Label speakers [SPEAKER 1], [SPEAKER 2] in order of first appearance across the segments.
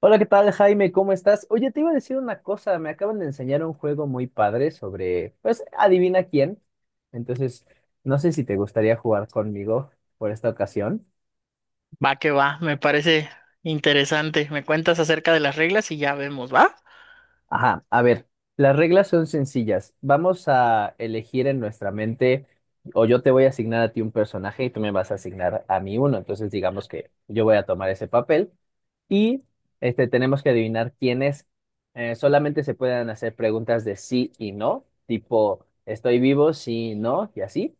[SPEAKER 1] Hola, ¿qué tal, Jaime? ¿Cómo estás? Oye, te iba a decir una cosa, me acaban de enseñar un juego muy padre sobre, pues, adivina quién. Entonces, no sé si te gustaría jugar conmigo por esta ocasión.
[SPEAKER 2] Va que va, me parece interesante. Me cuentas acerca de las reglas y ya vemos, ¿va?
[SPEAKER 1] Ajá, a ver, las reglas son sencillas. Vamos a elegir en nuestra mente, o yo te voy a asignar a ti un personaje y tú me vas a asignar a mí uno. Entonces, digamos que yo voy a tomar ese papel y tenemos que adivinar quiénes. Solamente se pueden hacer preguntas de sí y no, tipo, estoy vivo, sí, no, y así.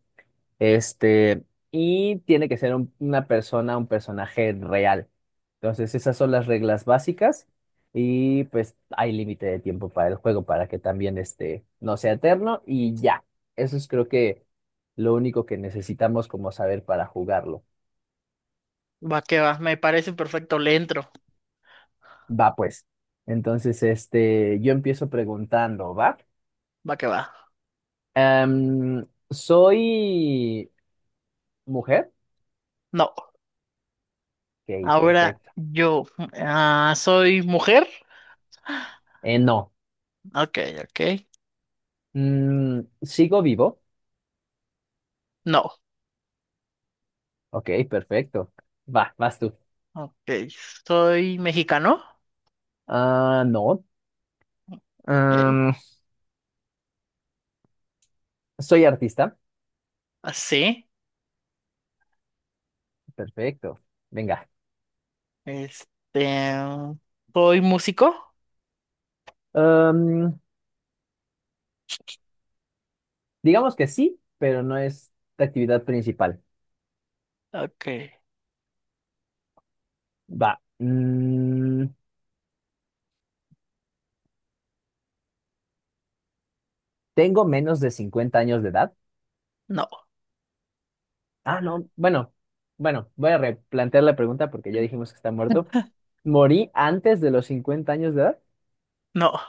[SPEAKER 1] Este, y tiene que ser una persona, un personaje real. Entonces, esas son las reglas básicas. Y pues hay límite de tiempo para el juego para que también no sea eterno. Y ya, eso es creo que lo único que necesitamos como saber para jugarlo.
[SPEAKER 2] Va que va, me parece perfecto, le entro.
[SPEAKER 1] Va pues. Entonces, yo empiezo preguntando, ¿va?
[SPEAKER 2] Va que va.
[SPEAKER 1] ¿Soy mujer?
[SPEAKER 2] No,
[SPEAKER 1] Ok,
[SPEAKER 2] ahora
[SPEAKER 1] perfecto.
[SPEAKER 2] yo soy mujer.
[SPEAKER 1] No.
[SPEAKER 2] Ok, ok.
[SPEAKER 1] ¿Sigo vivo?
[SPEAKER 2] No,
[SPEAKER 1] Ok, perfecto. Va, vas tú.
[SPEAKER 2] ok. Soy mexicano.
[SPEAKER 1] Ah, no.
[SPEAKER 2] Ok.
[SPEAKER 1] Em, ¿Soy artista?
[SPEAKER 2] Así.
[SPEAKER 1] Perfecto. Venga.
[SPEAKER 2] Este. Soy músico.
[SPEAKER 1] Em, digamos que sí, pero no es la actividad principal.
[SPEAKER 2] Ok.
[SPEAKER 1] Va. ¿Tengo menos de 50 años de edad?
[SPEAKER 2] No,
[SPEAKER 1] Ah, no, bueno, bueno, voy a replantear la pregunta porque ya dijimos que está muerto. ¿Morí antes de los 50 años de edad?
[SPEAKER 2] no.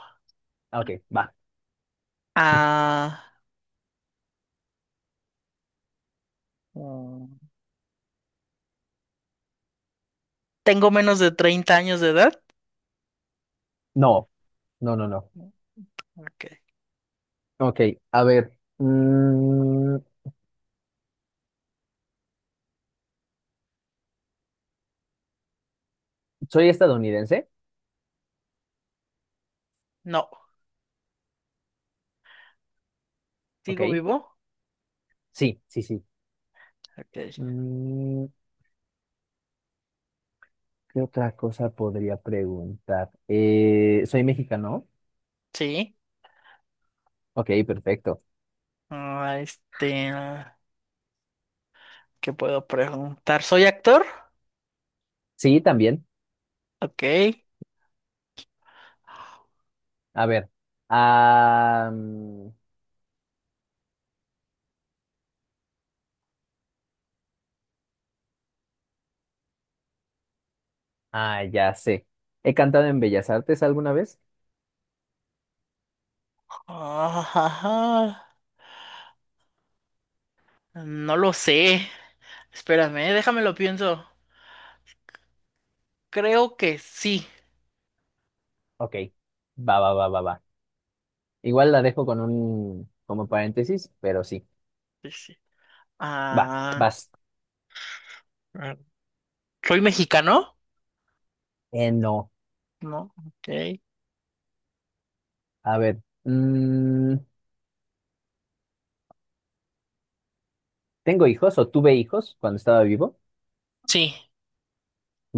[SPEAKER 1] Ah, ok, va.
[SPEAKER 2] Ah, mm, Tengo menos de 30 años de edad.
[SPEAKER 1] No, no, no, no.
[SPEAKER 2] Ok.
[SPEAKER 1] Ok, a ver. mm, ¿Soy estadounidense?
[SPEAKER 2] No.
[SPEAKER 1] Ok,
[SPEAKER 2] ¿Sigo vivo?
[SPEAKER 1] sí, sí, sí.
[SPEAKER 2] Ok.
[SPEAKER 1] Mm, ¿Qué otra cosa podría preguntar? ¿Soy mexicano?
[SPEAKER 2] Sí.
[SPEAKER 1] Ok, perfecto.
[SPEAKER 2] Ah, este, ah, ¿Qué puedo preguntar? ¿Soy actor?
[SPEAKER 1] Sí, también.
[SPEAKER 2] Ok.
[SPEAKER 1] A ver. Ah, mm, ya sé. ¿He cantado en Bellas Artes alguna vez?
[SPEAKER 2] Ah, ajá. No lo sé. Espérame, déjamelo pienso. Creo que sí.
[SPEAKER 1] Ok, va, va, va, va, va. Igual la dejo con un como paréntesis, pero sí.
[SPEAKER 2] Sí, sí.
[SPEAKER 1] Va,
[SPEAKER 2] Ah,
[SPEAKER 1] vas.
[SPEAKER 2] ah, ¿Soy mexicano?
[SPEAKER 1] No.
[SPEAKER 2] No, ok.
[SPEAKER 1] A ver. ¿Tengo hijos o tuve hijos cuando estaba vivo?
[SPEAKER 2] Sí.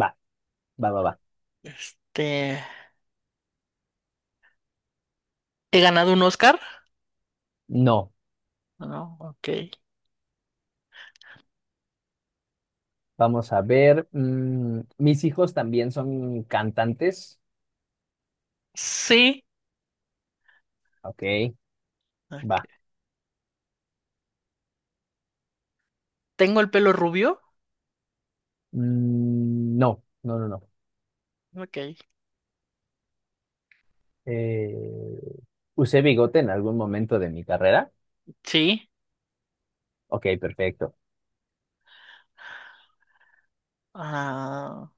[SPEAKER 1] Va, va, va, va.
[SPEAKER 2] Este, ¿He ganado un Oscar?
[SPEAKER 1] No.
[SPEAKER 2] No, ok.
[SPEAKER 1] Vamos a ver. ¿Mis hijos también son cantantes?
[SPEAKER 2] Sí.
[SPEAKER 1] Ok, va.
[SPEAKER 2] Ok. ¿Tengo el pelo rubio?
[SPEAKER 1] Mm, no, no, no, no.
[SPEAKER 2] Ok.
[SPEAKER 1] Eh, ¿Usé bigote en algún momento de mi carrera?
[SPEAKER 2] Sí.
[SPEAKER 1] Ok, perfecto.
[SPEAKER 2] Ah,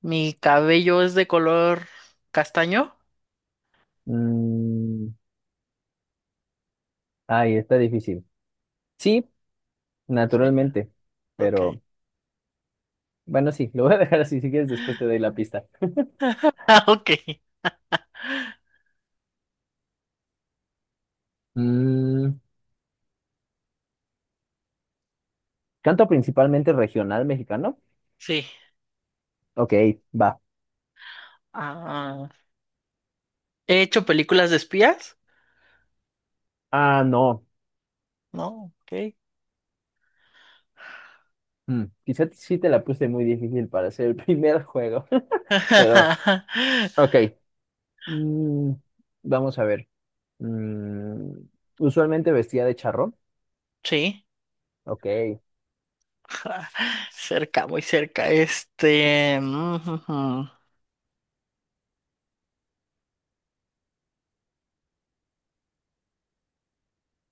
[SPEAKER 2] ¿mi cabello es de color castaño?
[SPEAKER 1] Mm, ay, está difícil. Sí,
[SPEAKER 2] Sí,
[SPEAKER 1] naturalmente,
[SPEAKER 2] ok.
[SPEAKER 1] pero bueno, sí, lo voy a dejar así, si quieres después te doy la pista.
[SPEAKER 2] Ah, ok.
[SPEAKER 1] Mm, ¿Canta principalmente regional mexicano?
[SPEAKER 2] Sí.
[SPEAKER 1] Ok, va.
[SPEAKER 2] Ah, he hecho películas de espías.
[SPEAKER 1] Ah, no.
[SPEAKER 2] No, ok.
[SPEAKER 1] Mm, quizá sí te la puse muy difícil para hacer el primer juego, pero ok. Mm, vamos a ver. Mm, usualmente vestía de charro.
[SPEAKER 2] Sí,
[SPEAKER 1] Ok.
[SPEAKER 2] cerca, muy cerca.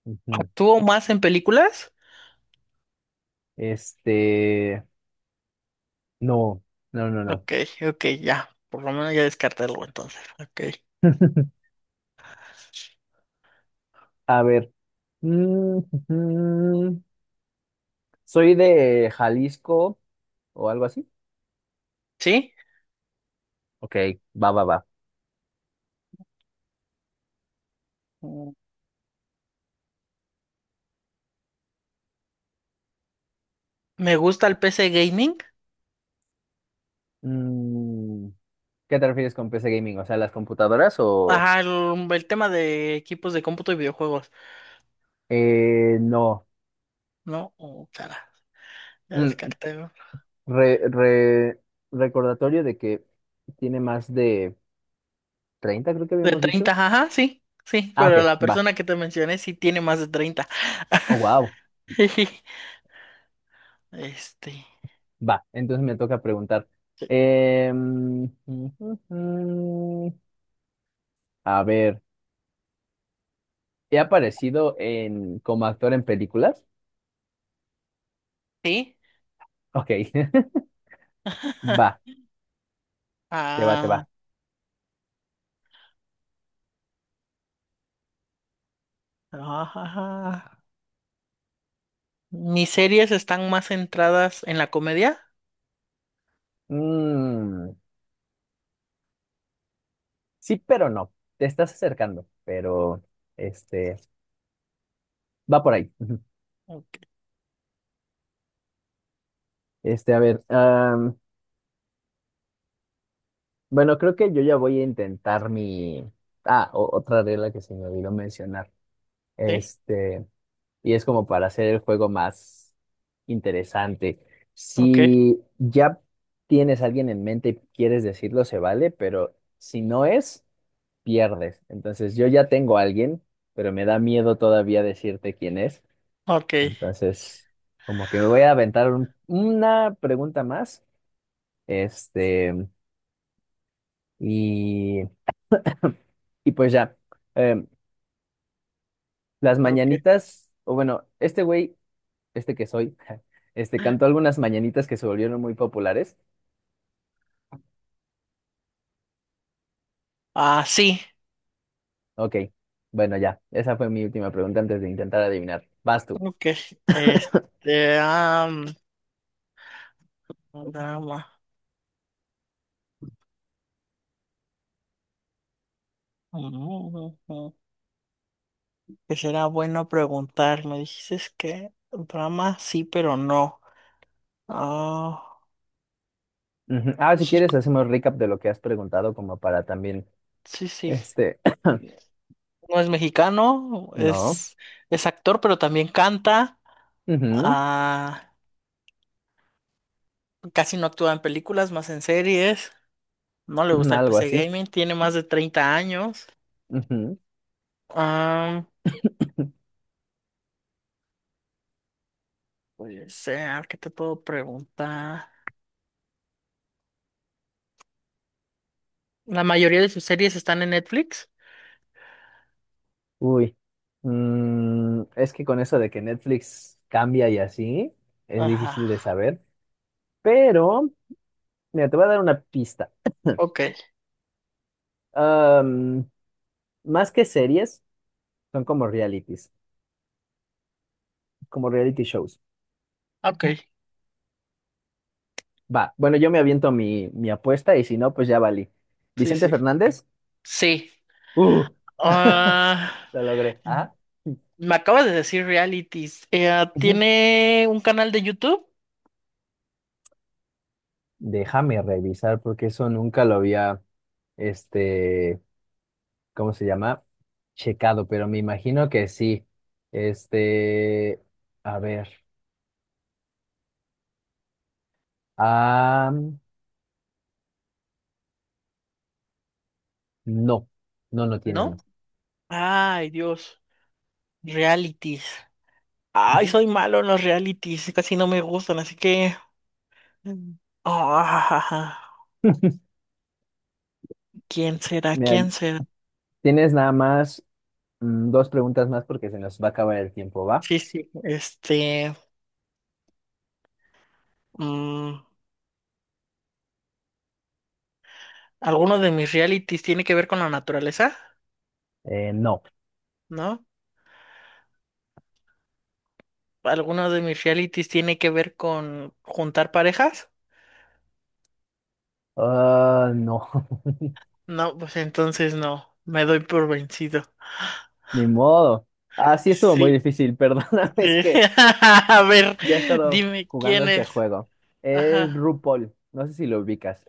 [SPEAKER 1] Ujú.
[SPEAKER 2] ¿actúo más en películas?
[SPEAKER 1] Este, no, no, no, no.
[SPEAKER 2] Ok, ok, ya. Por lo menos ya descartarlo entonces. Ok.
[SPEAKER 1] A ver. Mm, Soy de Jalisco o algo así.
[SPEAKER 2] ¿Sí?
[SPEAKER 1] Ok, va, va, va.
[SPEAKER 2] Mm, me gusta el PC gaming.
[SPEAKER 1] Mm, ¿Qué te refieres con PC gaming? O sea, las computadoras o
[SPEAKER 2] Ajá, el tema de equipos de cómputo y videojuegos.
[SPEAKER 1] no.
[SPEAKER 2] No, oh, cara, ya
[SPEAKER 1] Mm,
[SPEAKER 2] descarté, ¿no?
[SPEAKER 1] re- re- recordatorio de que tiene más de 30, creo que
[SPEAKER 2] De
[SPEAKER 1] habíamos dicho.
[SPEAKER 2] 30 ajá, sí, sí,
[SPEAKER 1] Ah,
[SPEAKER 2] pero
[SPEAKER 1] ok,
[SPEAKER 2] la
[SPEAKER 1] va.
[SPEAKER 2] persona que te mencioné sí tiene más de 30.
[SPEAKER 1] Oh, wow,
[SPEAKER 2] Este,
[SPEAKER 1] va. Entonces me toca preguntar. Em, ujú, ujú. A ver, ¿he aparecido en como actor en películas?
[SPEAKER 2] sí.
[SPEAKER 1] Ok, va, te va, te
[SPEAKER 2] Ah,
[SPEAKER 1] va.
[SPEAKER 2] ajá. ajá. Mis series están más centradas en la comedia.
[SPEAKER 1] Mm, sí, pero no. Te estás acercando, pero este va por ahí.
[SPEAKER 2] Ok,
[SPEAKER 1] A ver, bueno, creo que yo ya voy a intentar mi. Ah, otra regla que se me olvidó mencionar.
[SPEAKER 2] sí,
[SPEAKER 1] Este, y es como para hacer el juego más interesante.
[SPEAKER 2] ok,
[SPEAKER 1] Si ya tienes a alguien en mente y quieres decirlo, se vale, pero si no es, pierdes. Entonces, yo ya tengo a alguien, pero me da miedo todavía decirte quién es.
[SPEAKER 2] ok,
[SPEAKER 1] Entonces, como que me voy a aventar una pregunta más. Este, y, y pues ya, em, las
[SPEAKER 2] ok.
[SPEAKER 1] mañanitas, o bueno, este güey, este que soy, este cantó algunas mañanitas que se volvieron muy populares.
[SPEAKER 2] Ah, sí,
[SPEAKER 1] Ok, bueno, ya, esa fue mi última pregunta antes de intentar adivinar. Vas tú.
[SPEAKER 2] ok. Este, am, drama. Ujú. Que será bueno preguntar. Me dijiste que drama sí, pero no. Ah,
[SPEAKER 1] Ujú. Ah, si quieres, hacemos recap de lo que has preguntado, como para también,
[SPEAKER 2] sí, sí.
[SPEAKER 1] este,
[SPEAKER 2] No es mexicano,
[SPEAKER 1] no.
[SPEAKER 2] es actor, pero también canta.
[SPEAKER 1] Ujú.
[SPEAKER 2] Ah, casi no actúa en películas, más en series. No le
[SPEAKER 1] Ujú,
[SPEAKER 2] gusta el
[SPEAKER 1] algo
[SPEAKER 2] PC
[SPEAKER 1] así.
[SPEAKER 2] gaming, tiene más de 30 años. Ah, puede ser, ¿qué te puedo preguntar? La mayoría de sus series están en Netflix.
[SPEAKER 1] Uy, mm, es que con eso de que Netflix cambia y así, es
[SPEAKER 2] Ajá.
[SPEAKER 1] difícil de saber. Pero, mira, te voy a dar una pista.
[SPEAKER 2] Ok,
[SPEAKER 1] Am, más que series, son como realities, como reality shows.
[SPEAKER 2] ok.
[SPEAKER 1] Va, bueno, yo me aviento mi, mi apuesta y si no, pues ya valí.
[SPEAKER 2] Sí,
[SPEAKER 1] Vicente
[SPEAKER 2] sí.
[SPEAKER 1] Fernández,
[SPEAKER 2] Sí.
[SPEAKER 1] ¡uh!
[SPEAKER 2] Ah,
[SPEAKER 1] Lo logré. Ajá.
[SPEAKER 2] me acabas de decir realities.
[SPEAKER 1] Ujú.
[SPEAKER 2] ¿Tiene un canal de YouTube?
[SPEAKER 1] Déjame revisar porque eso nunca lo había, este, ¿cómo se llama? Checado, pero me imagino que sí. Este, a ver. Ah, no, no, no tiene
[SPEAKER 2] ¿No?
[SPEAKER 1] uno.
[SPEAKER 2] Ay, Dios. Realities. Ay,
[SPEAKER 1] Ujú.
[SPEAKER 2] soy malo en los realities, casi no me gustan, así que... Mm. Ah, ¿quién será?
[SPEAKER 1] Mira,
[SPEAKER 2] ¿Quién será?
[SPEAKER 1] tienes nada más 2 preguntas más porque se nos va a acabar el tiempo, ¿va?
[SPEAKER 2] Sí, sí, este... mm, ¿Alguno de mis realities tiene que ver con la naturaleza?
[SPEAKER 1] No.
[SPEAKER 2] ¿No? ¿Alguno de mis realities tiene que ver con juntar parejas?
[SPEAKER 1] Ah, no,
[SPEAKER 2] No, pues entonces no, me doy por vencido.
[SPEAKER 1] ni modo. Ah, sí, estuvo muy
[SPEAKER 2] Sí,
[SPEAKER 1] difícil, perdóname, es
[SPEAKER 2] sí.
[SPEAKER 1] que
[SPEAKER 2] A ver,
[SPEAKER 1] ya he estado
[SPEAKER 2] dime
[SPEAKER 1] jugando
[SPEAKER 2] quién
[SPEAKER 1] este
[SPEAKER 2] es.
[SPEAKER 1] juego. Es
[SPEAKER 2] Ajá.
[SPEAKER 1] RuPaul, no sé si lo ubicas.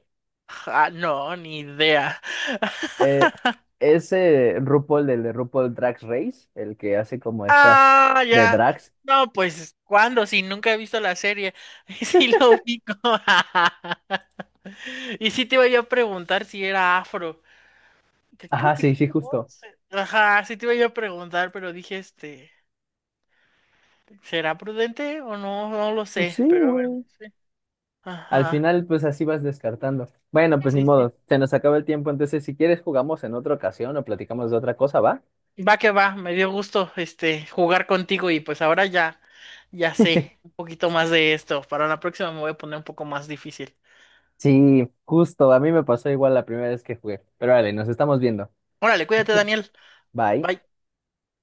[SPEAKER 2] Ah, no, ni idea.
[SPEAKER 1] Eh, ese RuPaul del de RuPaul Drag Race, el que hace como estas
[SPEAKER 2] Ah,
[SPEAKER 1] de
[SPEAKER 2] ya.
[SPEAKER 1] drags.
[SPEAKER 2] No, pues, ¿cuándo? Si nunca he visto la serie. Sí lo ubico. Y sí te iba yo a preguntar si era afro. Que creo
[SPEAKER 1] Ajá,
[SPEAKER 2] que
[SPEAKER 1] sí, sí,
[SPEAKER 2] sí, ¿no?
[SPEAKER 1] justo.
[SPEAKER 2] Ajá, sí te iba yo a preguntar, pero dije, ¿será prudente o no? No lo
[SPEAKER 1] Pues
[SPEAKER 2] sé,
[SPEAKER 1] sí,
[SPEAKER 2] pero bueno,
[SPEAKER 1] güey.
[SPEAKER 2] sí.
[SPEAKER 1] Al
[SPEAKER 2] Ajá,
[SPEAKER 1] final, pues así vas descartando. Bueno, pues ni
[SPEAKER 2] sí,
[SPEAKER 1] modo,
[SPEAKER 2] sí.
[SPEAKER 1] se nos acaba el tiempo, entonces si quieres jugamos en otra ocasión o platicamos de otra cosa, ¿va?
[SPEAKER 2] Va que va, me dio gusto, jugar contigo y pues ahora ya, ya sé un poquito más de esto. Para la próxima me voy a poner un poco más difícil.
[SPEAKER 1] Sí, justo, a mí me pasó igual la primera vez que jugué. Pero vale, nos estamos viendo.
[SPEAKER 2] Órale, cuídate, Daniel.
[SPEAKER 1] Bye.
[SPEAKER 2] Bye.